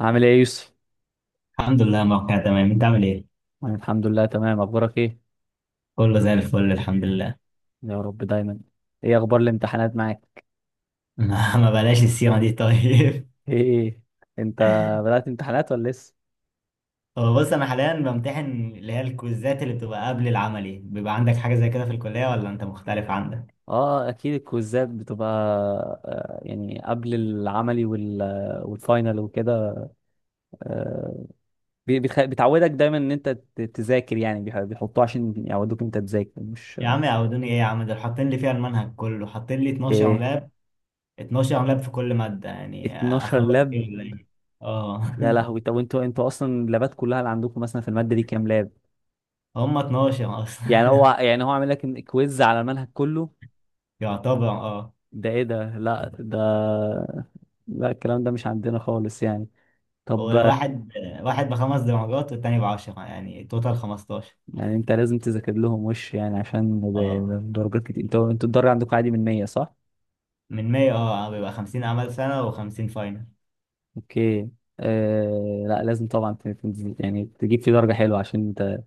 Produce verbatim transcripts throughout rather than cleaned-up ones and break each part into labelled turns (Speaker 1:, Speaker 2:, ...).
Speaker 1: عامل ايه يا يوسف؟
Speaker 2: الحمد لله، موقع تمام. انت عامل ايه؟
Speaker 1: أنا الحمد لله تمام، اخبارك ايه؟
Speaker 2: كله زي الفل الحمد لله.
Speaker 1: يا رب دايما. ايه اخبار الامتحانات معاك؟
Speaker 2: ما ما بلاش السيرة دي طيب.
Speaker 1: ايه، ايه، ايه. انت بدأت امتحانات ولا لسه؟
Speaker 2: هو بص، انا حاليا بمتحن اللي هي الكويزات اللي بتبقى قبل العملي. بيبقى عندك حاجة زي كده في الكلية ولا انت مختلف عندك؟
Speaker 1: اه، اكيد الكويزات بتبقى. آه، يعني قبل العملي وال والفاينل وكده. آه، بي- بتخ... بتعودك دايما ان انت ت- تذاكر، يعني بيح- بيحطوه عشان يعودوك انت تذاكر مش؟
Speaker 2: يا عم يعودوني ايه يا عم، دول حاطين لي فيها المنهج كله، حاطين لي اتناشر
Speaker 1: ايه.
Speaker 2: لاب. اتناشر لاب في كل مادة، يعني
Speaker 1: اتناشر
Speaker 2: اخلص
Speaker 1: لاب.
Speaker 2: ايه ولا ايه؟ اه.
Speaker 1: يا لهوي، طب انتوا انتوا اصلا اللابات كلها اللي عندكم مثلا في المادة دي كام لاب؟
Speaker 2: هم اتناشر
Speaker 1: يعني هو
Speaker 2: اصلا.
Speaker 1: يعني هو عامل لك كويز على المنهج كله.
Speaker 2: يعتبر اه.
Speaker 1: ده ايه ده، لا ده. لا، الكلام ده مش عندنا خالص يعني. طب،
Speaker 2: وواحد واحد بخمس درجات والتاني بعشرة، يعني توتال خمستاشر.
Speaker 1: يعني انت لازم تذاكر لهم وش يعني، عشان
Speaker 2: اه
Speaker 1: ب- درجات كتير. انتوا انتوا الدرجة عندكم عادي من مية صح؟
Speaker 2: من ماي اه آه، بيبقى خمسين اعمال سنه و50 فاينل.
Speaker 1: اوكي. آه، لا لازم طبعا ت- ت- يعني تجيب فيه درجة حلوة عشان انت،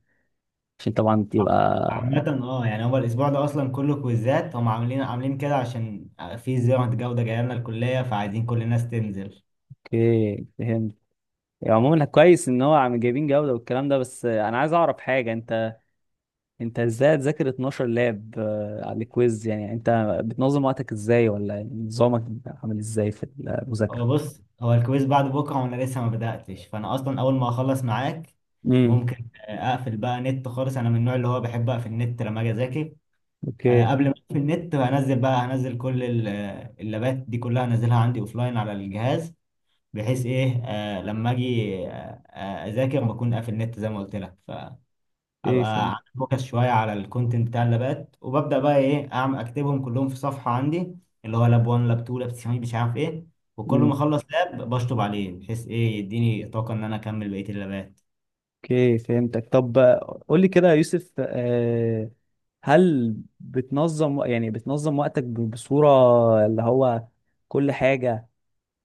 Speaker 1: عشان طبعا تبقى.
Speaker 2: عامة اه يعني هو الأسبوع ده أصلا كله كويزات، هم عاملين عاملين كده عشان في زيارة جودة جاية لنا الكلية، فعايزين كل الناس تنزل.
Speaker 1: اوكي فهمت. يعني عموما كويس ان هو عم جايبين جودة والكلام ده، بس انا عايز اعرف حاجة انت. انت ازاي تذاكر اثنا عشر لاب آه، على الكويز؟ يعني انت بتنظم وقتك ازاي، ولا يعني نظامك عامل ازاي في
Speaker 2: هو
Speaker 1: المذاكرة؟
Speaker 2: بص، هو الكويز بعد بكرة وأنا لسه ما بدأتش، فأنا أصلا أول ما أخلص معاك
Speaker 1: امم.
Speaker 2: ممكن آه، أقفل بقى نت خالص. أنا من النوع اللي هو بحب أقفل النت لما أجي أذاكر. آه،
Speaker 1: اوكي.
Speaker 2: قبل ما أقفل النت هنزل بقى، هنزل كل ال- آه، اللابات دي كلها، هنزلها عندي أوفلاين على الجهاز، بحيث ايه آه لما اجي آه آه، اذاكر بكون قافل النت زي ما قلت لك.
Speaker 1: اوكي
Speaker 2: فابقى
Speaker 1: فهمت.
Speaker 2: عامل فوكس شويه على الكونتنت بتاع اللابات، وببدا بقى ايه اعمل اكتبهم كلهم في صفحه عندي، اللي هو لاب واحد، لاب اتنين، لاب تلاته مش عارف ايه. وكل ما
Speaker 1: امم.
Speaker 2: اخلص لاب بشطب عليه، بحيث ايه يديني طاقه ان انا اكمل بقيه اللابات.
Speaker 1: اوكي فهمتك. طب آه، قول لي كده يا يوسف آه، هل بتنظم، يعني بتنظم وقتك ب- بصورة اللي هو كل حاجة،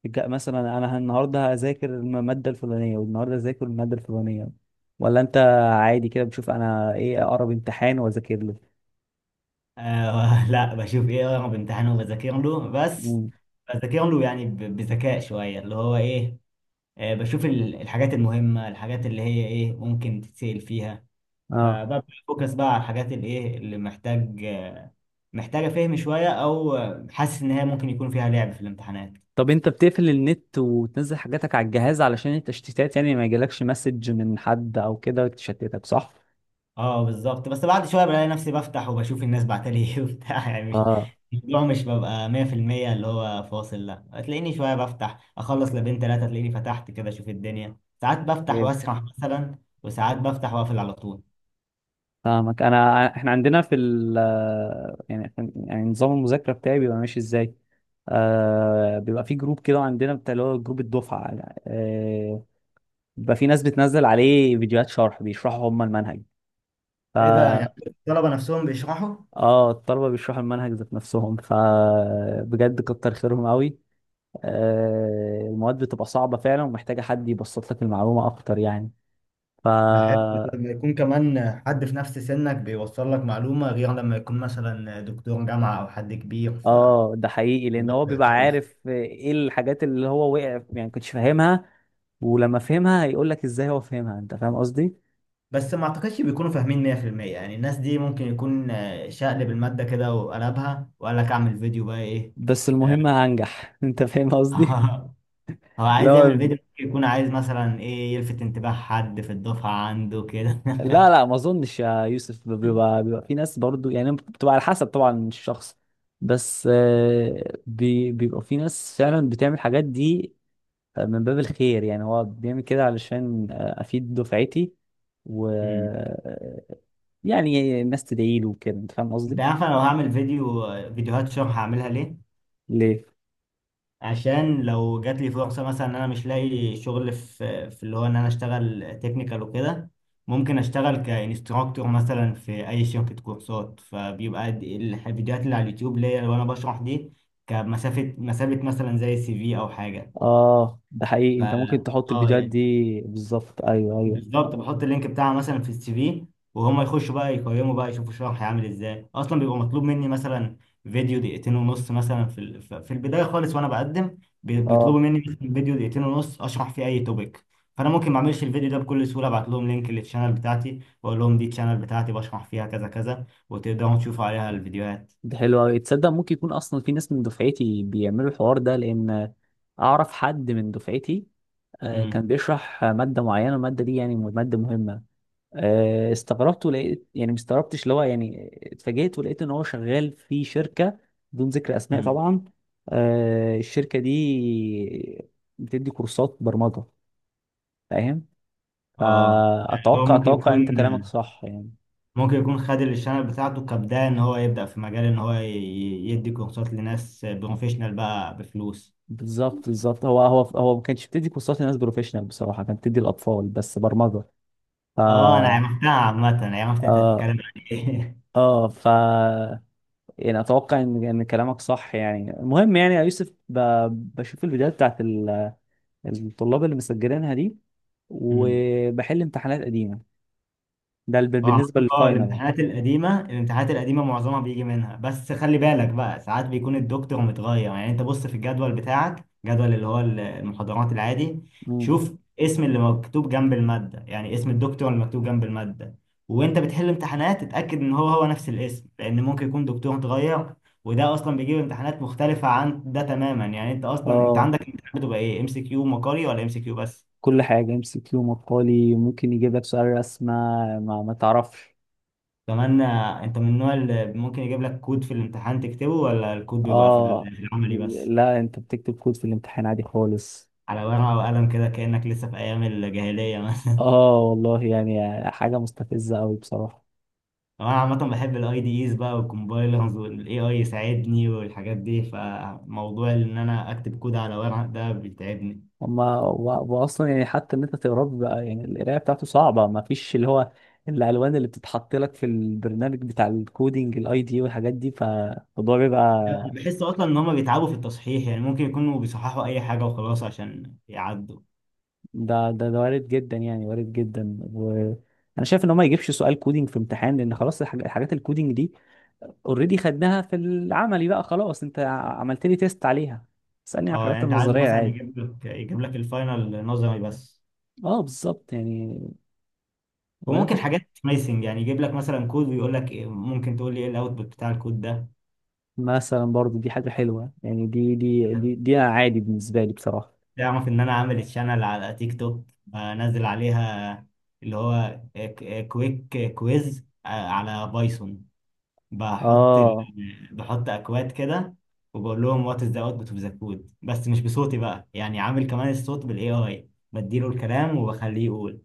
Speaker 1: جا- مثلا انا النهارده هذاكر المادة الفلانية والنهارده هذاكر المادة الفلانية، ولا انت عادي كده بتشوف انا ايه اقرب امتحان واذاكر
Speaker 2: آه لا، بشوف ايه اقرب امتحان وبذاكر له بس.
Speaker 1: له؟
Speaker 2: بذاكر له يعني ب- بذكاء شويه، اللي هو ايه، آه بشوف ال- الحاجات المهمه، الحاجات اللي هي ايه ممكن تتسال فيها.
Speaker 1: اه.
Speaker 2: فببدأ فوكس بقى على الحاجات الايه اللي محتاج، محتاجة فهم شوية او حاسس ان هي ممكن يكون فيها لعب في الامتحانات.
Speaker 1: طب انت بتقفل النت وتنزل حاجاتك على الجهاز علشان التشتيتات، يعني ما يجيلكش مسج من حد او كده تشتتك صح؟
Speaker 2: اه بالظبط. بس بعد شوية بلاقي نفسي بفتح وبشوف الناس بعتلي ايه. وبتاع يعني مش،
Speaker 1: اه.
Speaker 2: الموضوع مش ببقى مية في المية اللي هو فاصل، لا. تلاقيني شوية بفتح اخلص لابين تلاتة، تلاقيني فتحت كده اشوف الدنيا. ساعات بفتح
Speaker 1: مم.
Speaker 2: واسرح مثلا، وساعات بفتح واقفل على طول.
Speaker 1: فاهمك. انا احنا عندنا في ال، يعني، يعني نظام المذاكره بتاعي بيبقى ماشي ازاي؟ آه، بيبقى في جروب كده عندنا بتاع اللي هو جروب الدفعه. آه، بيبقى في ناس بتنزل عليه فيديوهات شرح، بيشرحوا هم المنهج. ف،
Speaker 2: ايه ده، يعني الطلبة نفسهم بيشرحوا؟
Speaker 1: اه الطلبه بيشرحوا المنهج ذات نفسهم، فبجد كتر خيرهم قوي. آه، المواد بتبقى صعبة فعلا ومحتاجة حد يبسط لك المعلومة أكتر يعني. ف،
Speaker 2: بحب لما يكون كمان حد في نفس سنك بيوصل لك معلومة، غير لما يكون مثلا دكتور جامعة أو حد كبير، فالموضوع
Speaker 1: اه ده حقيقي لأن هو بيبقى
Speaker 2: بيختلف.
Speaker 1: عارف ايه الحاجات اللي هو وقع يعني كنتش فاهمها، ولما فهمها هيقول لك ازاي هو فهمها. انت فاهم قصدي؟
Speaker 2: بس ما أعتقدش بيكونوا فاهمين مية في المية. يعني الناس دي ممكن يكون آه، شقلب المادة كده وقلبها وقال لك أعمل فيديو بقى إيه.
Speaker 1: بس المهم
Speaker 2: آه،
Speaker 1: هنجح. انت فاهم قصدي؟
Speaker 2: هو عايز يعمل
Speaker 1: لا،
Speaker 2: فيديو، ممكن يكون عايز مثلا إيه يلفت انتباه حد في الدفعة عنده كده.
Speaker 1: لا، لا، ما اظنش يا يوسف. بيبقى بيبقى في ناس برضو، يعني بتبقى على حسب طبعا الشخص. بس آه، بي- بيبقى في ناس فعلا بتعمل الحاجات دي من باب الخير، يعني هو بيعمل كده علشان آه، افيد دفعتي و،
Speaker 2: مم.
Speaker 1: يعني الناس تدعي له وكده. انت فاهم
Speaker 2: أنت
Speaker 1: قصدي؟
Speaker 2: عارف، أنا لو هعمل فيديو، فيديوهات شرح هعملها ليه؟
Speaker 1: ليه؟
Speaker 2: عشان لو جات لي فرصة مثلا ان انا مش لاقي شغل في في اللي هو ان انا اشتغل تكنيكال وكده، ممكن اشتغل كانستراكتور مثلا في اي شركة كورسات. فبيبقى د- الح- الفيديوهات اللي على اليوتيوب ليا، لو انا بشرح دي كمسافة مسافة مثلا زي سي في او حاجة.
Speaker 1: اه، ده حقيقي،
Speaker 2: ف
Speaker 1: انت ممكن تحط
Speaker 2: اه
Speaker 1: الفيديوهات دي
Speaker 2: يعني
Speaker 1: بالظبط، ايوه، ايوه.
Speaker 2: بالظبط بحط اللينك بتاعها مثلا في السي في، وهم يخشوا بقى يقيموا بقى يشوفوا شرح هيعمل ازاي اصلا. بيبقى مطلوب مني مثلا فيديو دقيقتين ونص، مثلا في ال- ف- في البدايه خالص وانا بقدم، بي- بيطلبوا
Speaker 1: اه،
Speaker 2: مني مثلا فيديو دقيقتين ونص اشرح فيه اي توبيك. فانا ممكن ما اعملش الفيديو ده بكل سهوله، ابعت لهم لينك للشانل بتاعتي واقول لهم دي الشانل بتاعتي بشرح فيها كذا كذا، وتقدروا تشوفوا عليها الفيديوهات.
Speaker 1: ده حلو قوي، تصدق ممكن يكون اصلا في ناس من دفعتي بيعملوا الحوار ده؟ لان اعرف حد من دفعتي آه،
Speaker 2: امم.
Speaker 1: كان بيشرح ماده معينه، الماده دي يعني ماده مهمه. آه، استغربت ولقيت، يعني ما استغربتش، اللي هو يعني اتفاجئت ولقيت ان هو شغال في شركه، بدون ذكر اسماء
Speaker 2: امم.
Speaker 1: طبعا. آه، الشركه دي بتدي كورسات برمجه. فاهم؟
Speaker 2: اه يعني هو
Speaker 1: فاتوقع
Speaker 2: ممكن
Speaker 1: اتوقع
Speaker 2: يكون،
Speaker 1: انت كلامك صح يعني.
Speaker 2: ممكن يكون خد الشانل بتاعته كبداية ان هو يبدأ في مجال ان هو ي- ي- يدي كورسات لناس بروفيشنال بقى بفلوس.
Speaker 1: بالظبط، بالظبط، هو هو هو ما كانش بتدي كورسات لناس بروفيشنال بصراحه، كانت بتدي الاطفال بس برمجه. ف
Speaker 2: اه انا
Speaker 1: اه.
Speaker 2: عرفتها، عامة عرفت انت بتتكلم عن ايه.
Speaker 1: اه ف، يعني اتوقع ان ان كلامك صح يعني. المهم يعني يا يوسف، ب... بشوف الفيديوهات بتاعت ال... الطلاب اللي مسجلينها دي، وبحل امتحانات قديمة، ده الب-
Speaker 2: هو عامة
Speaker 1: بالنسبة
Speaker 2: اه،
Speaker 1: للفاينل يعني.
Speaker 2: الامتحانات القديمة، الامتحانات القديمة معظمها بيجي منها، بس خلي بالك بقى ساعات بيكون الدكتور متغير. يعني انت بص في الجدول بتاعك، جدول اللي هو المحاضرات العادي،
Speaker 1: مم.
Speaker 2: شوف اسم اللي مكتوب جنب المادة، يعني اسم الدكتور اللي مكتوب جنب المادة، وانت بتحل امتحانات اتأكد ان هو هو نفس الاسم، لان ممكن يكون دكتور اتغير وده اصلا بيجيب امتحانات مختلفة عن ده تماما. يعني انت اصلا، انت
Speaker 1: اه،
Speaker 2: عندك امتحانات بتبقى ايه، ام سي كيو مقالي ولا ام سي كيو بس؟
Speaker 1: كل حاجة ام سي كيو مقالي، ممكن يجيب لك سؤال رسمة، ما, ما تعرفش.
Speaker 2: كمان آه، انت من النوع اللي ممكن يجيب لك كود في الامتحان تكتبه، ولا الكود بيبقى في
Speaker 1: اه.
Speaker 2: ال- في العملي بس؟
Speaker 1: لا، انت بتكتب كود في الامتحان عادي خالص.
Speaker 2: على ورقة وقلم كده، كأنك لسه في ايام الجاهلية مثلا.
Speaker 1: اه والله، يعني حاجة مستفزة قوي بصراحة.
Speaker 2: انا عامة بحب الاي دي ايز بقى والكومبايلرز والاي اي يساعدني والحاجات دي، فموضوع ان انا اكتب كود على ورق ده بيتعبني.
Speaker 1: هما و- واصلا يعني حتى ان انت تقراه بقى، يعني القرايه بتاعته صعبه، ما فيش اللي هو الالوان اللي بتتحط لك في البرنامج بتاع الكودينج، الاي دي والحاجات دي، فالموضوع
Speaker 2: انا
Speaker 1: بيبقى
Speaker 2: بحس اصلا ان هما بيتعبوا في التصحيح، يعني ممكن يكونوا بيصححوا اي حاجة وخلاص عشان يعدوا.
Speaker 1: ده ده ده وارد جدا، يعني وارد جدا. وانا شايف ان هو ما يجيبش سؤال كودينج في امتحان، لان خلاص الحاج- الحاجات الكودينج دي اوريدي خدناها في العملي بقى. خلاص، انت ع- عملت لي تيست عليها، اسالني على
Speaker 2: اه
Speaker 1: الحاجات
Speaker 2: يعني انت عايزه
Speaker 1: النظريه
Speaker 2: مثلا
Speaker 1: عادي.
Speaker 2: يجيب لك، يجيب لك الفاينل نظري بس.
Speaker 1: اه بالظبط يعني. ولا انت
Speaker 2: وممكن حاجات سمايسنج، يعني يجيب لك مثلا كود ويقول لك إيه- ممكن تقول لي ايه الاوتبوت بتاع الكود ده.
Speaker 1: مثلا برضو، دي حاجة حلوة يعني. دي دي دي, دي أنا عادي بالنسبة لي بصراحة.
Speaker 2: تعرف ان انا عامل الشانل على تيك توك بنزل عليها اللي هو كويك كويز على بايثون. بحط ال...
Speaker 1: آه.
Speaker 2: بحط اكواد كده، وبقول لهم وات از ذا اوتبوت اوف ذا كود، بس مش بصوتي بقى يعني عامل كمان الصوت بالاي اي بديله الكلام وبخليه يقول.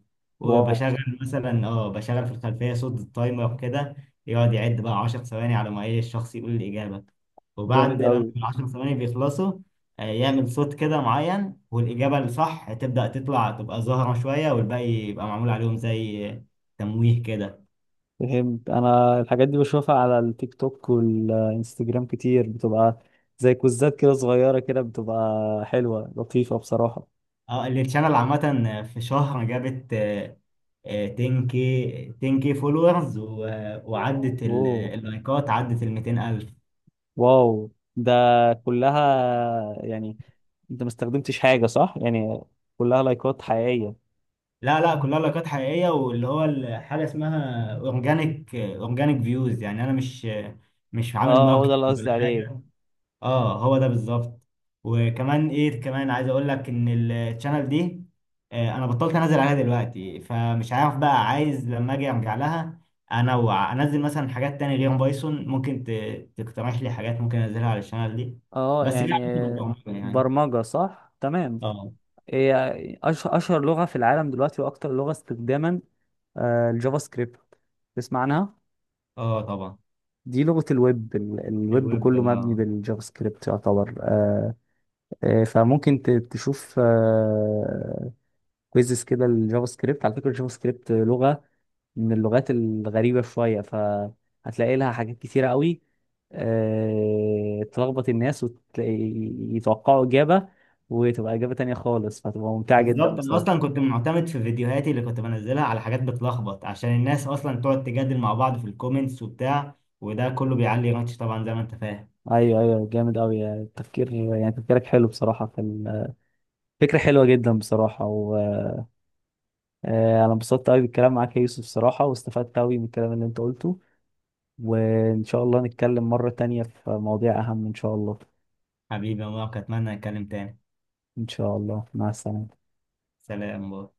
Speaker 1: واو.
Speaker 2: وبشغل مثلا اه بشغل في الخلفيه صوت التايمر كده، يقعد يعد بقى عشر ثواني على ما ايه الشخص يقول الاجابه.
Speaker 1: جامد
Speaker 2: وبعد لما
Speaker 1: أوي.
Speaker 2: ال عشر ثواني بيخلصوا آه، يعمل صوت كده معين، والاجابه الصح تبدا تطلع، تبقى ظاهره شويه والباقي يبقى معمول عليهم زي تمويه كده.
Speaker 1: فهمت، أنا الحاجات دي بشوفها على التيك توك والإنستجرام كتير، بتبقى زي كوزات كده صغيرة كده، بتبقى حلوة لطيفة بصراحة.
Speaker 2: اه التشانل عامة في شهر جابت آه، آه، عشرة كيه، عشرة كيه فولورز، وعدت ال-
Speaker 1: أوه،
Speaker 2: اللايكات عدت ال ميتين الف.
Speaker 1: واو. ده كلها يعني، أنت ما استخدمتش حاجة صح؟ يعني كلها لايكات حقيقية.
Speaker 2: لا لا، كلها لايكات حقيقية، واللي هو ال- حاجة اسمها اورجانيك، اورجانيك فيوز، يعني انا مش، مش عامل
Speaker 1: آه، هو ده اللي
Speaker 2: ماركتنج
Speaker 1: قصدي
Speaker 2: ولا
Speaker 1: عليه.
Speaker 2: حاجة. اه هو ده بالظبط. وكمان ايه كمان عايز اقول لك ان الشانل دي آه، انا بطلت انزل عليها دلوقتي، فمش عارف بقى، عايز لما اجي ارجع لها انوع انزل مثلا حاجات تانية غير بايثون. ممكن ت- تقترح لي حاجات ممكن انزلها على الشانل دي
Speaker 1: آه
Speaker 2: بس ليه
Speaker 1: يعني
Speaker 2: علاقة بالبرمجة يعني؟
Speaker 1: برمجة صح؟ تمام.
Speaker 2: اه.
Speaker 1: هي أش- اشهر لغه في العالم دلوقتي، واكتر لغه استخداما. آه، الجافا سكريبت، تسمع عنها؟
Speaker 2: اه طبعا.
Speaker 1: دي لغه الويب، ال- الويب
Speaker 2: الويب
Speaker 1: كله مبني
Speaker 2: بقى.
Speaker 1: بالجافا سكريبت يعتبر آه. آه، فممكن ت- تشوف كويزز كده الجافا سكريبت. على فكره الجافا سكريبت لغه من اللغات الغريبه شويه، فهتلاقي لها حاجات كتيره قوي آه، تلخبط الناس ويتوقعوا اجابه وتبقى اجابه تانية خالص، فتبقى ممتعه جدا
Speaker 2: بالظبط، انا
Speaker 1: بصراحه.
Speaker 2: اصلا كنت معتمد في فيديوهاتي اللي كنت بنزلها على حاجات بتلخبط، عشان الناس اصلا تقعد تجادل مع بعض في الكومنتس وبتاع، وده كله بيعلي رانش طبعا زي ما انت فاهم.
Speaker 1: ايوه، ايوه، جامد قوي يعني التفكير، يعني تفكيرك حلو بصراحه في ال- فكره حلوه جدا بصراحه. وانا انبسطت قوي بالكلام معاك يا يوسف بصراحه، واستفدت قوي من الكلام اللي انت قلته، وان شاء الله نتكلم مره تانية في مواضيع اهم ان شاء الله.
Speaker 2: حبيبي يا مارك، أتمنى نتكلم تاني.
Speaker 1: ان شاء الله، مع السلامه.
Speaker 2: سلام، باي.